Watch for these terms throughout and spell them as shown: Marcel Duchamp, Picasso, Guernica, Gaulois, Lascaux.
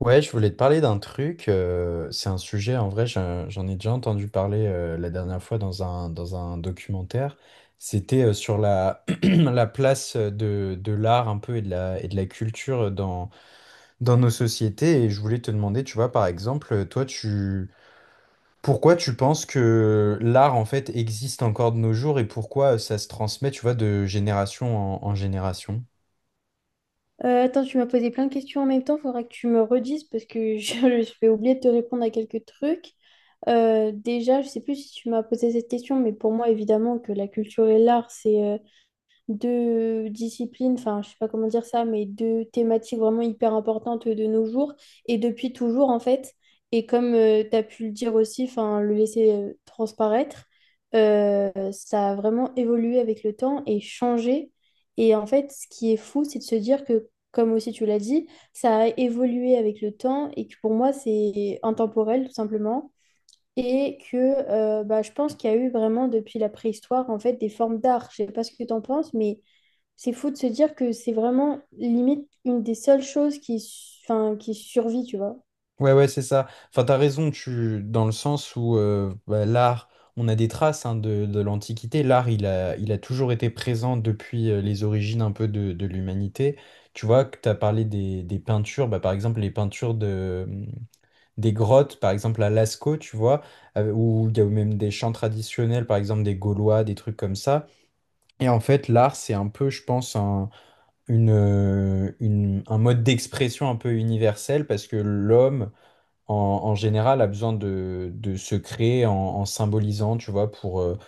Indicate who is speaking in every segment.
Speaker 1: Ouais, je voulais te parler d'un truc. C'est un sujet, en vrai, j'en ai déjà entendu parler la dernière fois dans dans un documentaire. C'était sur la place de l'art un peu et de et de la culture dans nos sociétés. Et je voulais te demander, tu vois, par exemple, toi, tu, pourquoi tu penses que l'art, en fait, existe encore de nos jours et pourquoi ça se transmet, tu vois, de génération en génération?
Speaker 2: Attends, tu m'as posé plein de questions en même temps. Il faudra que tu me redises parce que je vais oublier de te répondre à quelques trucs. Déjà, je sais plus si tu m'as posé cette question, mais pour moi, évidemment, que la culture et l'art, c'est deux disciplines, enfin je sais pas comment dire ça, mais deux thématiques vraiment hyper importantes de nos jours et depuis toujours en fait. Et comme tu as pu le dire aussi, enfin le laisser transparaître, ça a vraiment évolué avec le temps et changé. Et en fait, ce qui est fou, c'est de se dire que, comme aussi tu l'as dit, ça a évolué avec le temps et que pour moi, c'est intemporel tout simplement. Et que bah, je pense qu'il y a eu vraiment depuis la préhistoire en fait des formes d'art. Je sais pas ce que tu en penses, mais c'est fou de se dire que c'est vraiment limite une des seules choses qui, enfin, qui survit, tu vois.
Speaker 1: Ouais, ouais, c'est ça. Enfin, t'as raison, tu... dans le sens où bah, l'art, on a des traces hein, de l'Antiquité. L'art, il a toujours été présent depuis les origines un peu de l'humanité. Tu vois, que t'as parlé des peintures, bah, par exemple, les peintures des grottes, par exemple à Lascaux, tu vois, où il y a même des chants traditionnels, par exemple des Gaulois, des trucs comme ça. Et en fait, l'art, c'est un peu, je pense, un mode d'expression un peu universel parce que l'homme en, en général, a besoin de se créer en, en symbolisant, tu vois, pour, euh,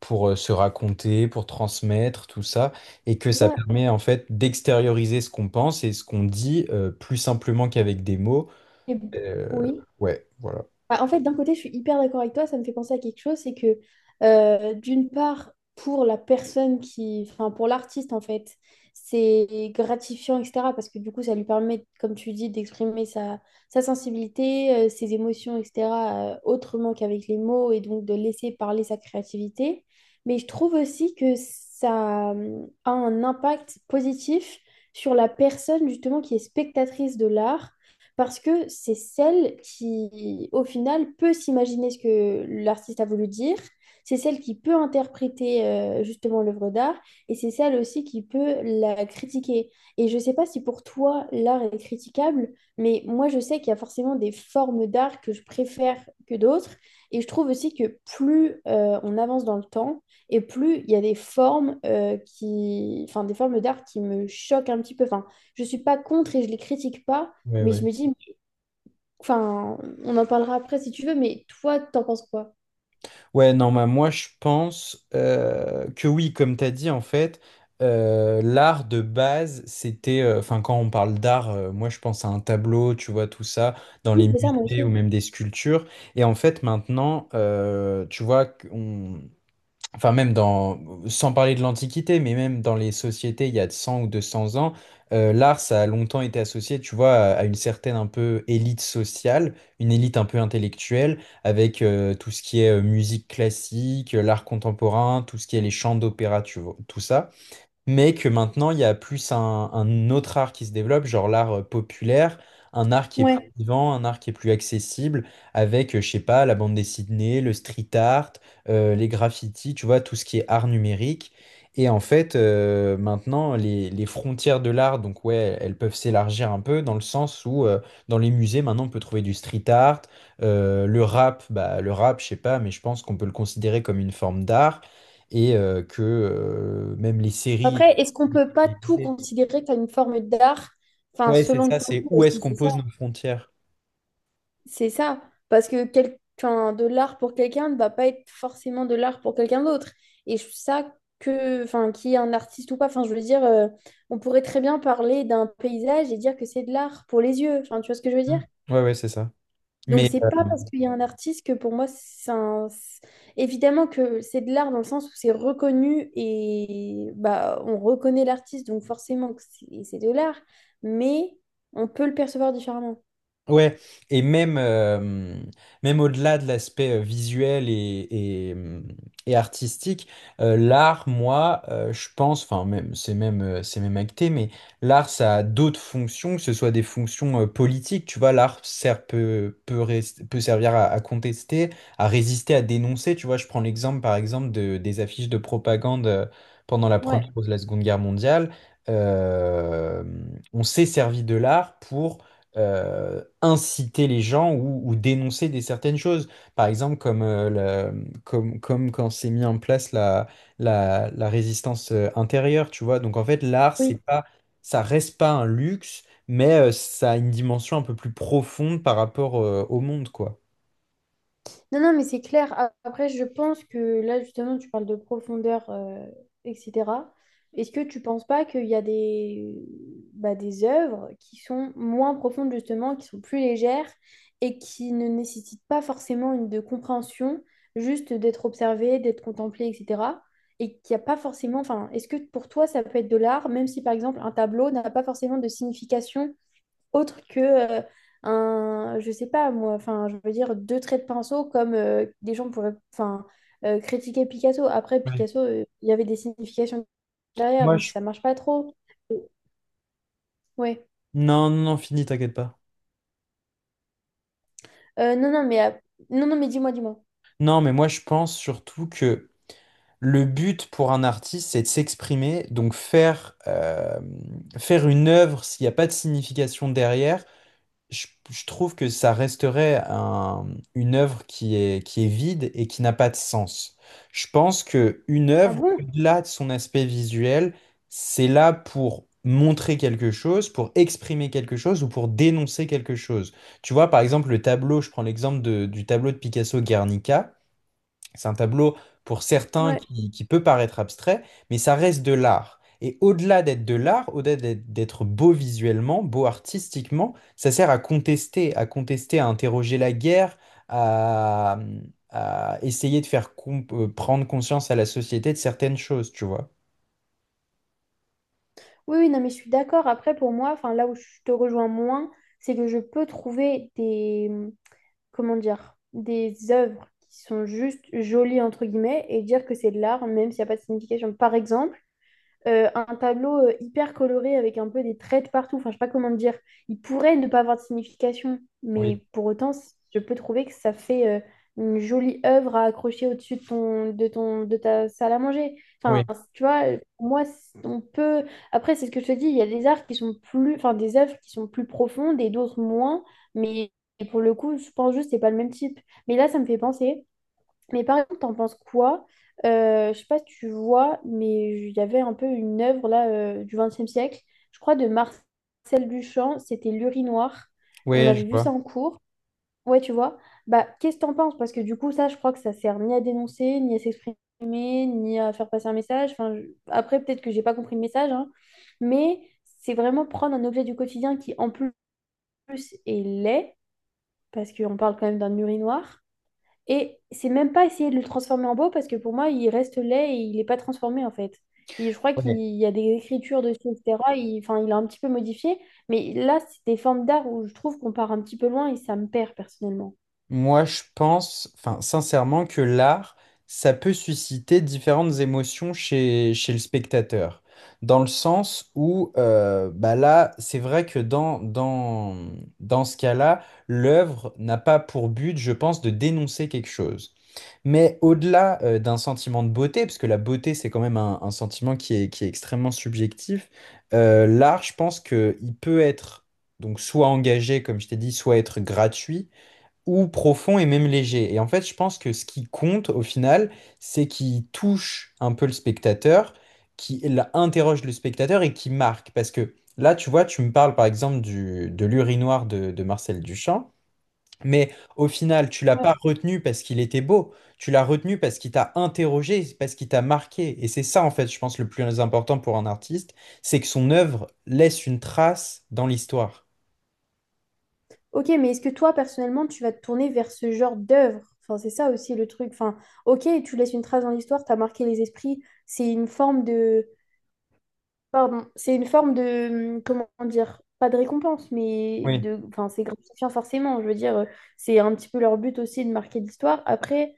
Speaker 1: pour euh, se raconter, pour transmettre, tout ça, et que ça
Speaker 2: Ça,
Speaker 1: permet en fait d'extérioriser ce qu'on pense et ce qu'on dit plus simplement qu'avec des mots.
Speaker 2: et-
Speaker 1: Euh,
Speaker 2: oui.
Speaker 1: ouais, voilà.
Speaker 2: Bah, en fait, d'un côté, je suis hyper d'accord avec toi, ça me fait penser à quelque chose, c'est que d'une part, pour la personne qui, enfin pour l'artiste en fait, c'est gratifiant, etc. Parce que du coup, ça lui permet, comme tu dis, d'exprimer sa sensibilité, ses émotions, etc. Autrement qu'avec les mots et donc de laisser parler sa créativité. Mais je trouve aussi que ça a un impact positif sur la personne justement qui est spectatrice de l'art parce que c'est celle qui, au final, peut s'imaginer ce que l'artiste a voulu dire, c'est celle qui peut interpréter justement l'œuvre d'art, et c'est celle aussi qui peut la critiquer. Et je ne sais pas si pour toi, l'art est critiquable, mais moi, je sais qu'il y a forcément des formes d'art que je préfère que d'autres, et je trouve aussi que plus on avance dans le temps, et plus il y a des formes qui, enfin, des formes d'art qui me choquent un petit peu. Enfin, je ne suis pas contre et je ne les critique pas,
Speaker 1: Ouais,
Speaker 2: mais je
Speaker 1: ouais.
Speaker 2: me dis, enfin, on en parlera après si tu veux, mais toi, t'en penses quoi?
Speaker 1: Ouais, non, bah, moi je pense que oui, comme tu as dit, en fait, l'art de base, c'était, enfin, quand on parle d'art, moi je pense à un tableau, tu vois, tout ça, dans
Speaker 2: Oui,
Speaker 1: les
Speaker 2: c'est ça, moi
Speaker 1: musées
Speaker 2: aussi.
Speaker 1: ou même des sculptures. Et en fait, maintenant, tu vois, enfin même sans parler de l'Antiquité, mais même dans les sociétés il y a 100 ou 200 ans, l'art, ça a longtemps été associé, tu vois, à une certaine un peu élite sociale, une élite un peu intellectuelle, avec tout ce qui est musique classique, l'art contemporain, tout ce qui est les chants d'opéra, tu vois, tout ça, mais que maintenant il y a plus un autre art qui se développe, genre l'art populaire, un art qui est plus
Speaker 2: Ouais.
Speaker 1: vivant, un art qui est plus accessible, avec, je sais pas, la bande dessinée, le street art, les graffitis, tu vois, tout ce qui est art numérique. Et en fait, maintenant, les frontières de l'art, donc ouais, elles peuvent s'élargir un peu dans le sens où dans les musées, maintenant, on peut trouver du street art, le rap, bah, le rap, je sais pas, mais je pense qu'on peut le considérer comme une forme d'art et que même les séries.
Speaker 2: Après, est-ce qu'on peut pas tout considérer comme une forme d'art? Enfin,
Speaker 1: Ouais, c'est
Speaker 2: selon
Speaker 1: ça,
Speaker 2: toi
Speaker 1: c'est où est-ce
Speaker 2: aussi,
Speaker 1: qu'on
Speaker 2: c'est ça.
Speaker 1: pose nos frontières.
Speaker 2: C'est ça. Parce que quel... enfin, de l'art pour quelqu'un ne va pas être forcément de l'art pour quelqu'un d'autre. Et je trouve ça que, enfin, qu'il y ait un artiste ou pas, enfin, je veux dire, on pourrait très bien parler d'un paysage et dire que c'est de l'art pour les yeux. Enfin, tu vois ce que je veux
Speaker 1: Mm.
Speaker 2: dire?
Speaker 1: Ouais, ouais, c'est ça.
Speaker 2: Donc,
Speaker 1: Mais,
Speaker 2: c'est pas parce qu'il y a un artiste que pour moi, c'est un... c'est- évidemment que c'est de l'art dans le sens où c'est reconnu et bah, on reconnaît l'artiste, donc forcément que c'est de l'art, mais on peut le percevoir différemment.
Speaker 1: ouais, et même, même au-delà de l'aspect visuel et artistique, l'art, moi, je pense, enfin, même, c'est même, c'est même acté, mais l'art, ça a d'autres fonctions, que ce soit des fonctions politiques, tu vois, l'art sert, peut, peut servir à contester, à résister, à dénoncer, tu vois, je prends l'exemple, par exemple, des affiches de propagande pendant la
Speaker 2: Ouais.
Speaker 1: Première ou la Seconde Guerre mondiale. Euh, on s'est servi de l'art pour inciter les gens ou dénoncer des certaines choses. Par exemple, comme, comme quand s'est mis en place la résistance intérieure, tu vois. Donc en fait, l'art, c'est
Speaker 2: Oui.
Speaker 1: pas, ça reste pas un luxe, mais ça a une dimension un peu plus profonde par rapport au monde, quoi.
Speaker 2: Non, non, mais c'est clair. A- Après, je pense que là, justement, tu parles de profondeur, etc. Est-ce que tu penses pas qu'il y a des, bah, des œuvres qui sont moins profondes, justement, qui sont plus légères et qui ne nécessitent pas forcément une de compréhension, juste d'être observée, d'être contemplée, etc. Et qu'il n'y a pas forcément, enfin, est-ce que pour toi, ça peut être de l'art, même si, par exemple, un tableau n'a pas forcément de signification autre que euh, un, je sais pas moi, enfin, je veux dire deux traits de pinceau comme des gens pourraient, enfin, critiquer Picasso. Après,
Speaker 1: Ouais.
Speaker 2: Picasso, il y avait des significations derrière,
Speaker 1: Moi,
Speaker 2: donc
Speaker 1: je...
Speaker 2: ça marche pas trop. Ouais.
Speaker 1: Non, non, non, fini, t'inquiète pas.
Speaker 2: Non, non, mais, non, non, mais dis-moi, dis-moi.
Speaker 1: Non, mais moi, je pense surtout que le but pour un artiste, c'est de s'exprimer, donc faire, faire une œuvre s'il n'y a pas de signification derrière. Je trouve que ça resterait une œuvre qui est vide et qui n'a pas de sens. Je pense que une
Speaker 2: Ah
Speaker 1: œuvre,
Speaker 2: bon?
Speaker 1: au-delà de son aspect visuel, c'est là pour montrer quelque chose, pour exprimer quelque chose ou pour dénoncer quelque chose. Tu vois, par exemple, le tableau, je prends l'exemple du tableau de Picasso Guernica. C'est un tableau pour certains
Speaker 2: Ouais.
Speaker 1: qui peut paraître abstrait, mais ça reste de l'art. Et au-delà d'être de l'art, au-delà d'être beau visuellement, beau artistiquement, ça sert à contester, à contester, à interroger la guerre, à, à essayer de faire prendre conscience à la société de certaines choses, tu vois.
Speaker 2: Oui, oui, non, mais je suis d'accord. Après, pour moi, enfin, là où je te rejoins moins, c'est que je peux trouver des, comment dire, des œuvres qui sont juste jolies, entre guillemets, et dire que c'est de l'art, même s'il n'y a pas de signification. Par exemple, un tableau hyper coloré avec un peu des traits de partout. Enfin, je sais pas comment dire. Il pourrait ne pas avoir de signification,
Speaker 1: Oui,
Speaker 2: mais pour autant, c- je peux trouver que ça fait une jolie œuvre à accrocher au-dessus de ta salle à manger.
Speaker 1: oui,
Speaker 2: Enfin, c- tu vois, pour moi, c- on peut. Après, c'est ce que je te dis. Il y a des arts qui sont plus, enfin, des œuvres qui sont plus profondes et d'autres moins. Mais pour le coup, je pense juste que c'est pas le même type. Mais là, ça me fait penser. Mais par exemple, t'en penses quoi? Je sais pas si tu vois, mais il y avait un peu une œuvre là du XXe siècle, je crois de Marcel Duchamp, c'était L'urinoir. On
Speaker 1: oui, je
Speaker 2: avait vu ça
Speaker 1: vois.
Speaker 2: en cours. Ouais, tu vois. Bah, qu'est-ce que t'en penses? Parce que du coup, ça, je crois que ça sert ni à dénoncer, ni à s'exprimer, ni à faire passer un message. Enfin, je- après, peut-être que j'ai pas compris le message, hein, mais c'est vraiment prendre un objet du quotidien qui, en plus, est laid, parce qu'on parle quand même d'un urinoir et c'est même pas essayer de le transformer en beau parce que pour moi, il reste laid et il n'est pas transformé en fait. Et je crois qu'il y a des écritures dessus, etc. Il, enfin, il a un petit peu modifié. Mais là, c'est des formes d'art où je trouve qu'on part un petit peu loin et ça me perd personnellement.
Speaker 1: Moi, je pense, enfin, sincèrement, que l'art, ça peut susciter différentes émotions chez, chez le spectateur. Dans le sens où, bah là, c'est vrai que dans, dans, dans ce cas-là, l'œuvre n'a pas pour but, je pense, de dénoncer quelque chose. Mais au-delà, d'un sentiment de beauté, parce que la beauté, c'est quand même un sentiment qui est extrêmement subjectif, l'art, je pense qu'il peut être donc soit engagé, comme je t'ai dit, soit être gratuit ou profond et même léger. Et en fait, je pense que ce qui compte au final, c'est qu'il touche un peu le spectateur, qu'il interroge le spectateur et qui marque. Parce que là, tu vois, tu me parles par exemple du, de l'urinoir de Marcel Duchamp, mais au final, tu l'as
Speaker 2: Ouais.
Speaker 1: pas retenu parce qu'il était beau, tu l'as retenu parce qu'il t'a interrogé, parce qu'il t'a marqué. Et c'est ça, en fait, je pense, le plus important pour un artiste, c'est que son œuvre laisse une trace dans l'histoire.
Speaker 2: Ok, mais est-ce que toi, personnellement, tu vas te tourner vers ce genre d'œuvre? Enfin, c'est ça aussi le truc. Enfin, ok, tu laisses une trace dans l'histoire, t'as marqué les esprits. C'est une forme de, pardon, c'est une forme de, comment dire, pas de récompense, mais de, enfin, c'est gratifiant forcément. Je veux dire, c'est un petit peu leur but aussi de marquer l'histoire. Après,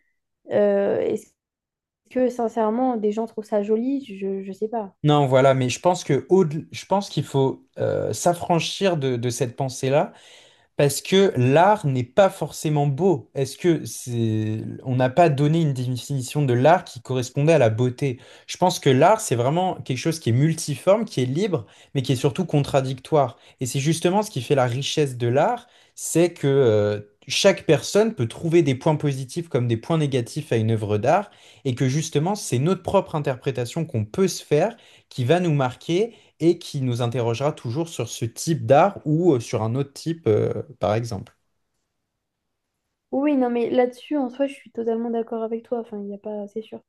Speaker 2: est-ce que sincèrement, des gens trouvent ça joli? Je sais pas.
Speaker 1: Non, voilà, mais je pense que je pense qu'il faut s'affranchir de cette pensée-là. Parce que l'art n'est pas forcément beau. Est-ce que c'est... On n'a pas donné une définition de l'art qui correspondait à la beauté. Je pense que l'art, c'est vraiment quelque chose qui est multiforme, qui est libre, mais qui est surtout contradictoire. Et c'est justement ce qui fait la richesse de l'art, c'est que chaque personne peut trouver des points positifs comme des points négatifs à une œuvre d'art, et que justement, c'est notre propre interprétation qu'on peut se faire qui va nous marquer et qui nous interrogera toujours sur ce type d'art ou sur un autre type, par exemple.
Speaker 2: Oui, oui, non, mais là-dessus, en soi, je suis totalement d'accord avec toi. Enfin, il n'y a pas, c'est sûr.